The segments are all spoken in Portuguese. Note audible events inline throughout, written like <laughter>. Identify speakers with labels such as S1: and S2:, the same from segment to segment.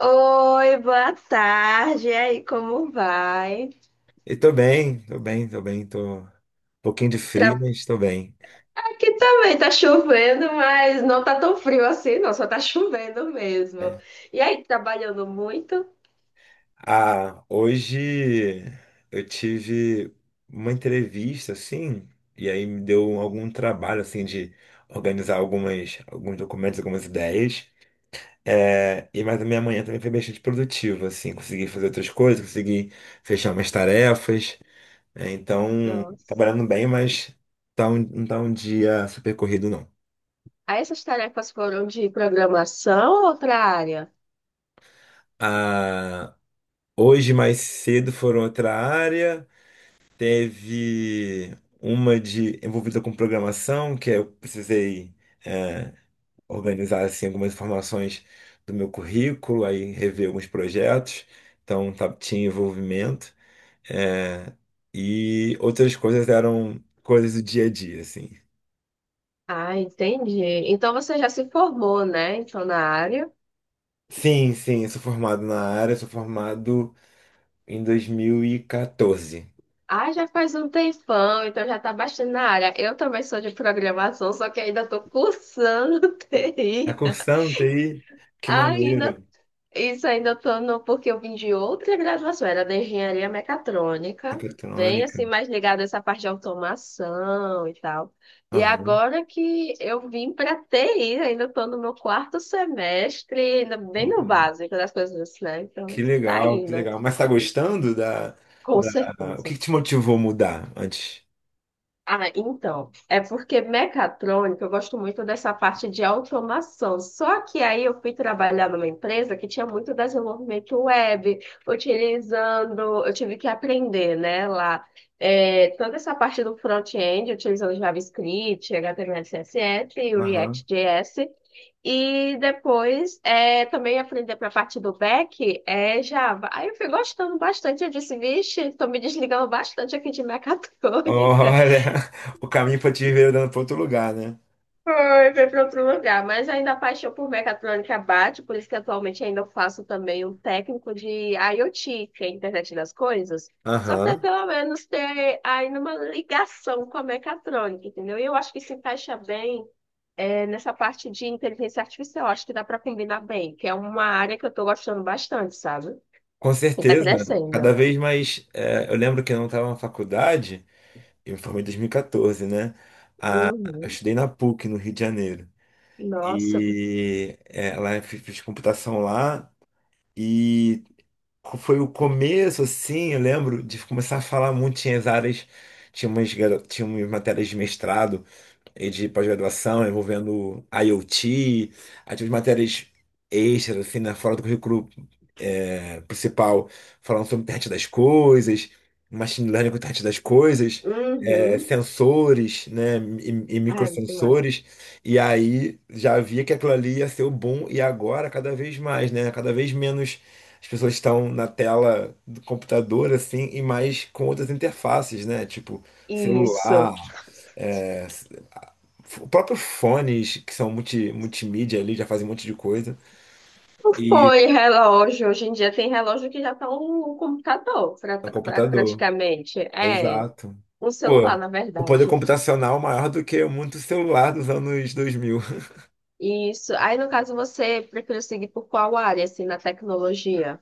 S1: Oi, boa tarde. E aí, como vai?
S2: E tô bem, tô bem, tô bem, tô um pouquinho de frio,
S1: Tra-
S2: mas tô bem.
S1: Aqui também tá chovendo, mas não tá tão frio assim, não, só tá chovendo mesmo.
S2: É.
S1: E aí, trabalhando muito?
S2: Ah, hoje eu tive uma entrevista, assim, e aí me deu algum trabalho, assim, de organizar alguns documentos, algumas ideias. Mas a minha manhã também foi bastante produtiva, assim, consegui fazer outras coisas, consegui fechar umas tarefas. Então,
S1: Nossa.
S2: trabalhando bem, mas não tá um dia super corrido, não.
S1: Aí essas tarefas foram de programação ou outra área?
S2: Ah, hoje, mais cedo, foram outra área. Teve uma de envolvida com programação, que é, eu precisei é, organizar assim, algumas informações do meu currículo, aí rever alguns projetos. Então, tinha envolvimento. É, e outras coisas eram coisas do dia a dia, assim.
S1: Ah, entendi. Então você já se formou, né? Então na área.
S2: Sim, sim, eu sou formado na área, sou formado em 2014.
S1: Ah, já faz um tempão, então já tá bastante na área. Eu também sou de programação, só que ainda tô cursando <laughs>
S2: Tá
S1: TI.
S2: cursando TI? Que
S1: Ainda
S2: maneiro.
S1: Isso ainda tô no, porque eu vim de outra graduação, era da engenharia mecatrônica, bem
S2: Mecatrônica.
S1: assim, mais ligada a essa parte de automação e tal. E agora que eu vim para TI, ainda tô no meu quarto semestre, ainda bem no
S2: Olha,
S1: básico das coisas, né? Então,
S2: que
S1: tá
S2: legal, que
S1: indo,
S2: legal. Mas tá gostando
S1: com
S2: da... O
S1: certeza.
S2: que que te motivou a mudar antes?
S1: Ah, então, é porque mecatrônica, eu gosto muito dessa parte de automação. Só que aí eu fui trabalhar numa empresa que tinha muito desenvolvimento web, utilizando, eu tive que aprender, né, lá, é, toda essa parte do front-end, utilizando JavaScript, HTML, CSS e o
S2: Aham.
S1: React.js. E depois também aprender para a parte do back é Java. Aí eu fui gostando bastante. Eu disse, vixe, estou me desligando bastante aqui de mecatrônica.
S2: Olha, <laughs> o caminho para te ver dando para outro lugar, né?
S1: Foi, foi para outro lugar, mas ainda a paixão por mecatrônica bate, por isso que atualmente ainda faço também um técnico de IoT, que é a internet das coisas, só para
S2: Aham.
S1: pelo menos ter ainda uma ligação com a mecatrônica, entendeu? E eu acho que se encaixa bem nessa parte de inteligência artificial, acho que dá para combinar bem, que é uma área que eu estou gostando bastante, sabe?
S2: Com
S1: E tá
S2: certeza.
S1: crescendo.
S2: Cada vez mais. Eu lembro que eu não estava na faculdade, eu me formei em 2014, né? Eu
S1: Uhum.
S2: estudei na PUC, no Rio de Janeiro.
S1: Nossa.
S2: E lá eu fiz computação lá. E foi o começo, assim, eu lembro de começar a falar muito, tinha as áreas, tinha tinha umas matérias de mestrado e de pós-graduação envolvendo IoT, aí tive matérias extras, assim, né, fora do currículo principal, falando sobre internet das coisas, machine learning com internet das coisas,
S1: Uhum.
S2: sensores, né, e
S1: Ai, muito massa.
S2: microsensores, e aí já via que aquilo ali ia ser o boom, e agora cada vez mais, né, cada vez menos as pessoas estão na tela do computador, assim, e mais com outras interfaces, né, tipo
S1: Isso.
S2: celular, é, próprios fones que são multimídia ali, já fazem um monte de coisa. E
S1: Foi relógio. Hoje em dia tem relógio que já está um computador,
S2: no computador.
S1: praticamente. É,
S2: Exato.
S1: um celular,
S2: Pô,
S1: na
S2: o poder
S1: verdade.
S2: computacional maior do que muito celular dos anos 2000.
S1: Isso. Aí, no caso, você prefere seguir por qual área, assim, na tecnologia?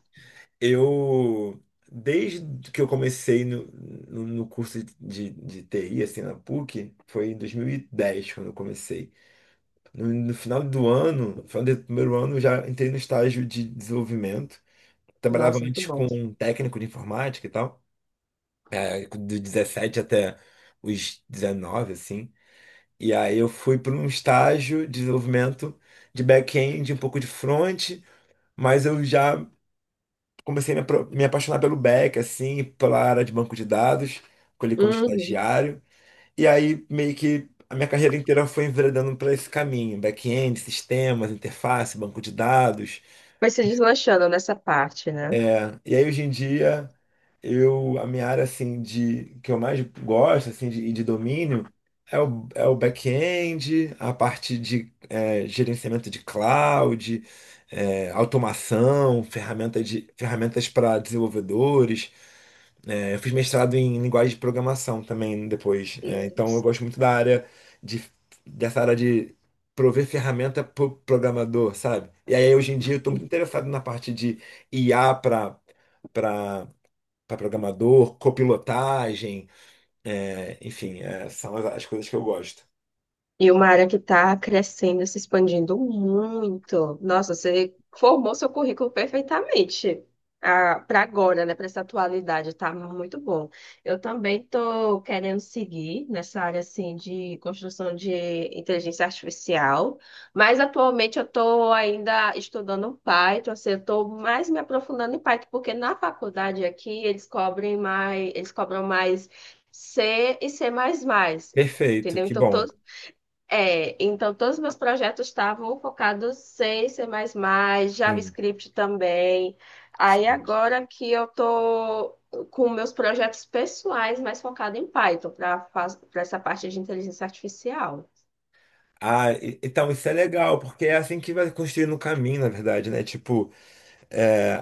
S2: Eu, desde que eu comecei no curso de TI, assim, na PUC, foi em 2010 quando eu comecei. No final do ano, no final do primeiro ano, eu já entrei no estágio de desenvolvimento. Trabalhava
S1: Nossa, muito
S2: antes
S1: bom.
S2: com um técnico de informática e tal. Dos 17 até os 19, assim. E aí eu fui para um estágio de desenvolvimento de back-end, um pouco de front, mas eu já comecei a me apaixonar pelo back, assim, pela área de banco de dados, colhi como
S1: Uhum.
S2: estagiário. E aí meio que a minha carreira inteira foi enveredando para esse caminho, back-end, sistemas, interface, banco de dados.
S1: Vai se deslanchando nessa parte, né?
S2: E aí hoje em dia eu a minha área assim de que eu mais gosto assim de, e de domínio é o back-end, a parte de gerenciamento de cloud, automação, ferramentas para desenvolvedores, eu fiz mestrado em linguagem de programação também depois. Então eu gosto muito da área de, dessa área de prover ferramenta para o programador, sabe? E aí hoje em dia eu estou muito interessado na parte de IA para para programador, copilotagem, enfim, são as coisas que eu gosto.
S1: E uma área que está crescendo, se expandindo muito. Nossa, você formou seu currículo perfeitamente para agora, né? Para essa atualidade, tá muito bom. Eu também estou querendo seguir nessa área assim de construção de inteligência artificial, mas atualmente eu estou ainda estudando Python, assim, eu estou mais me aprofundando em Python, porque na faculdade aqui eles cobrem mais, eles cobram mais C e C++.
S2: Perfeito,
S1: Entendeu?
S2: que
S1: Então,
S2: bom.
S1: todos os meus projetos estavam focados em C++,
S2: Sim,
S1: JavaScript também. Aí
S2: sim.
S1: agora que eu tô com meus projetos pessoais mais focado em Python para essa parte de inteligência artificial.
S2: Ah, então isso é legal, porque é assim que vai construindo o caminho, na verdade, né? Tipo, é,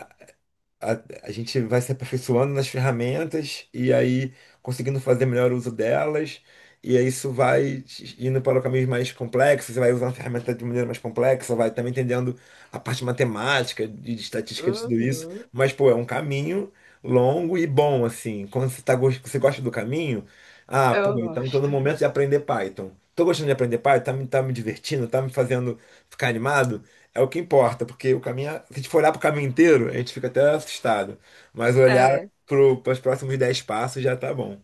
S2: a, a gente vai se aperfeiçoando nas ferramentas e aí conseguindo fazer melhor uso delas. E aí isso vai indo para caminhos mais complexos, você vai usando a ferramenta de maneira mais complexa, vai também entendendo a parte matemática, de estatística, de tudo isso.
S1: Uhum,
S2: Mas, pô, é um caminho longo e bom, assim. Quando você, tá, você gosta do caminho, ah, pô,
S1: eu
S2: então tô no
S1: gosto. <laughs>
S2: momento de
S1: Nossa.
S2: aprender Python. Tô gostando de aprender Python, tá me divertindo, tá me fazendo ficar animado. É o que importa, porque o caminho, se a gente for olhar pro caminho inteiro, a gente fica até assustado. Mas olhar
S1: É.
S2: para os próximos 10 passos já tá bom.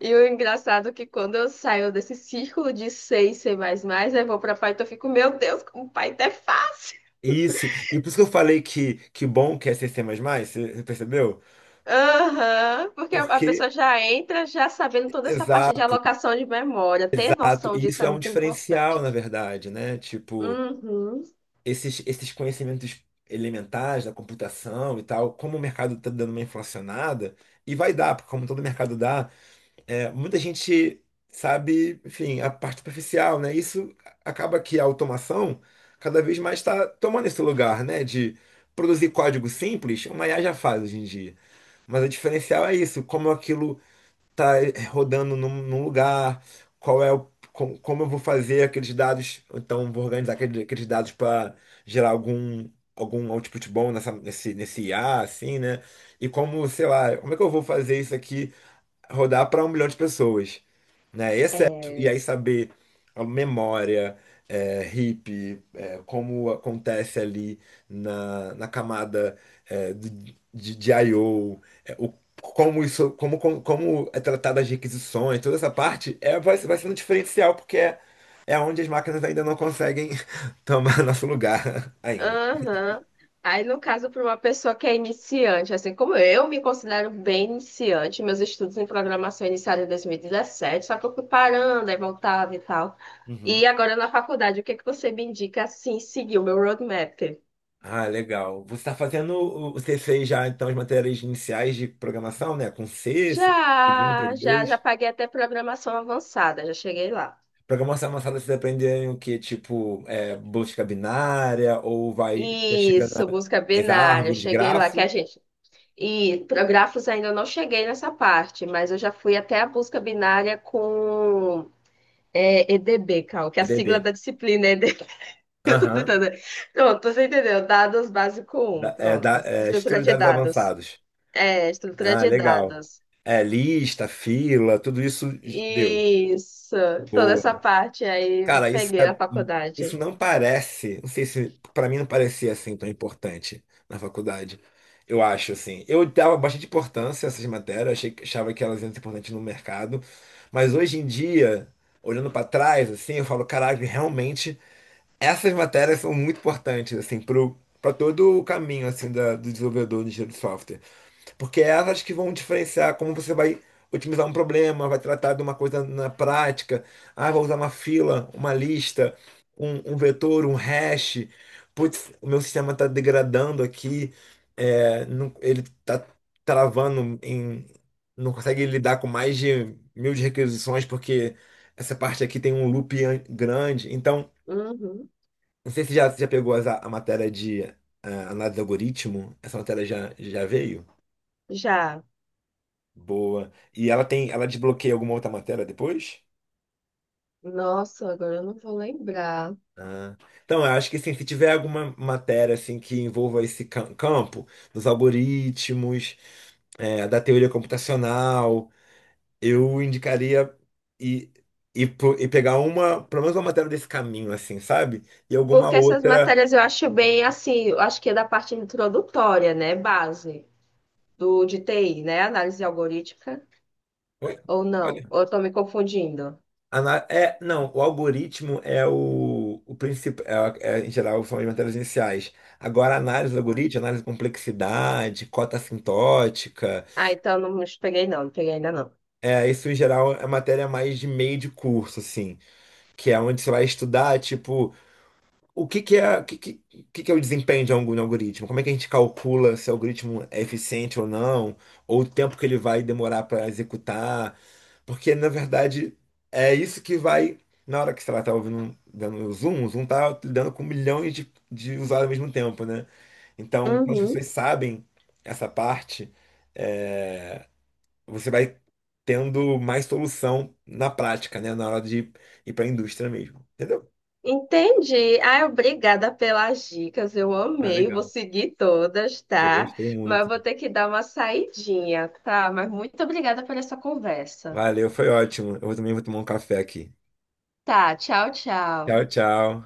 S1: E o engraçado é que quando eu saio desse círculo de C e C++, eu vou pra Python, eu fico, meu Deus, como Python é fácil.
S2: Isso, e por isso que eu falei que bom que é C++, C++, você percebeu?
S1: Aham, porque a
S2: Porque,
S1: pessoa já entra já sabendo toda essa parte de
S2: exato,
S1: alocação de memória. Ter
S2: exato,
S1: noção
S2: e
S1: disso
S2: isso
S1: é
S2: é um
S1: muito
S2: diferencial,
S1: importante.
S2: na verdade, né? Tipo,
S1: Uhum.
S2: esses conhecimentos elementares da computação e tal, como o mercado tá dando uma inflacionada, e vai dar, porque como todo mercado dá, muita gente sabe, enfim, a parte superficial, né? Isso acaba que a automação cada vez mais está tomando esse lugar, né? De produzir código simples, uma IA já faz hoje em dia. Mas o diferencial é isso, como aquilo está rodando num lugar, qual é o, com- como eu vou fazer aqueles dados, ou então vou organizar aqueles, dados para gerar algum output bom nesse IA, assim, né? E como, sei lá, como é que eu vou fazer isso aqui? Rodar para 1 milhão de pessoas, né? E
S1: É.
S2: aí saber a memória, como acontece ali na camada é, de, de I/O, como isso, como é tratada as requisições, toda essa parte vai sendo diferencial, porque é onde as máquinas ainda não conseguem <laughs> tomar nosso lugar <laughs> ainda.
S1: Aham. Aí, no caso, para uma pessoa que é iniciante, assim como eu me considero bem iniciante, meus estudos em programação iniciaram em 2017, só que eu fui parando, aí voltava e tal.
S2: Uhum.
S1: E agora na faculdade, o que é que você me indica assim, seguir o meu roadmap?
S2: Ah, legal. Você está fazendo o C6 já, então, as matérias iniciais de programação, né? Com C, C++, Prog1,
S1: Já, já, já paguei até programação avançada, já cheguei lá.
S2: Programação avançada, vocês aprendem o quê? Tipo, busca binária, ou vai, já chega
S1: Isso, busca
S2: nas
S1: binária,
S2: árvores,
S1: cheguei lá, que a
S2: grafo,
S1: gente. E para grafos ainda não cheguei nessa parte, mas eu já fui até a busca binária com EDB, Cal, que é a sigla
S2: PDB.
S1: da disciplina é EDB. <laughs> Eu tô
S2: Aham.
S1: tentando. Pronto, você entendeu? Dados básico um, pronto. Estrutura
S2: Estrutura de
S1: de
S2: dados
S1: dados.
S2: avançados.
S1: É, estrutura
S2: Ah,
S1: de
S2: legal.
S1: dados.
S2: Lista, fila, tudo isso deu.
S1: Isso. Toda
S2: Boa.
S1: essa parte aí eu
S2: Cara, isso,
S1: peguei na
S2: isso
S1: faculdade.
S2: não parece, não sei se pra mim não parecia assim tão importante na faculdade. Eu acho assim, eu dava bastante importância a essas matérias, achava que elas eram importantes no mercado, mas hoje em dia, olhando pra trás assim, eu falo, caralho, realmente essas matérias são muito importantes assim pro para todo o caminho assim do desenvolvedor de engenheiro de software. Porque é elas que vão diferenciar como você vai otimizar um problema, vai tratar de uma coisa na prática. Ah, vou usar uma fila, uma lista, um vetor, um hash. Putz, o meu sistema está degradando aqui, ele está travando em. Não consegue lidar com mais de mil de requisições, porque essa parte aqui tem um loop grande. Então,
S1: Uhum.
S2: não sei se já pegou matéria de análise de algoritmo, essa matéria já veio?
S1: Já.
S2: Boa. E ela desbloqueia alguma outra matéria depois?
S1: Nossa, agora eu não vou lembrar.
S2: Ah. Então, eu acho que sim, se tiver alguma matéria assim que envolva esse campo dos algoritmos, da teoria computacional, eu indicaria e e pegar uma, pelo menos uma matéria desse caminho assim, sabe? E alguma
S1: Porque essas
S2: outra.
S1: matérias eu acho bem assim, eu acho que é da parte introdutória, né? Base do de TI, né? Análise algorítmica.
S2: Oi?
S1: Ou não? Ou eu tô me confundindo?
S2: É, não, o algoritmo é o principal, em geral, são as matérias iniciais. Agora, a análise do algoritmo, análise de complexidade, cota assintótica,
S1: Ah, então não me peguei não, não peguei ainda não.
S2: isso em geral é matéria mais de meio de curso, assim, que é onde você vai estudar, tipo, o o que que é o desempenho de algum algoritmo? Como é que a gente calcula se o algoritmo é eficiente ou não? Ou o tempo que ele vai demorar para executar? Porque, na verdade, é isso que vai. Na hora que, sei lá, tá ouvindo, dando o Zoom tá lidando com milhões de usuários ao mesmo tempo, né? Então, quando as
S1: Uhum.
S2: pessoas sabem essa parte, é, você vai tendo mais solução na prática, né? Na hora de ir para a indústria mesmo. Entendeu?
S1: Entendi. Ah, obrigada pelas dicas. Eu
S2: Ah,
S1: amei, vou
S2: legal.
S1: seguir todas,
S2: Eu
S1: tá?
S2: gostei
S1: Mas eu
S2: muito.
S1: vou ter que dar uma saidinha, tá? Mas muito obrigada por essa conversa.
S2: Valeu, foi ótimo. Eu também vou tomar um café aqui.
S1: Tá, tchau, tchau.
S2: Tchau, tchau.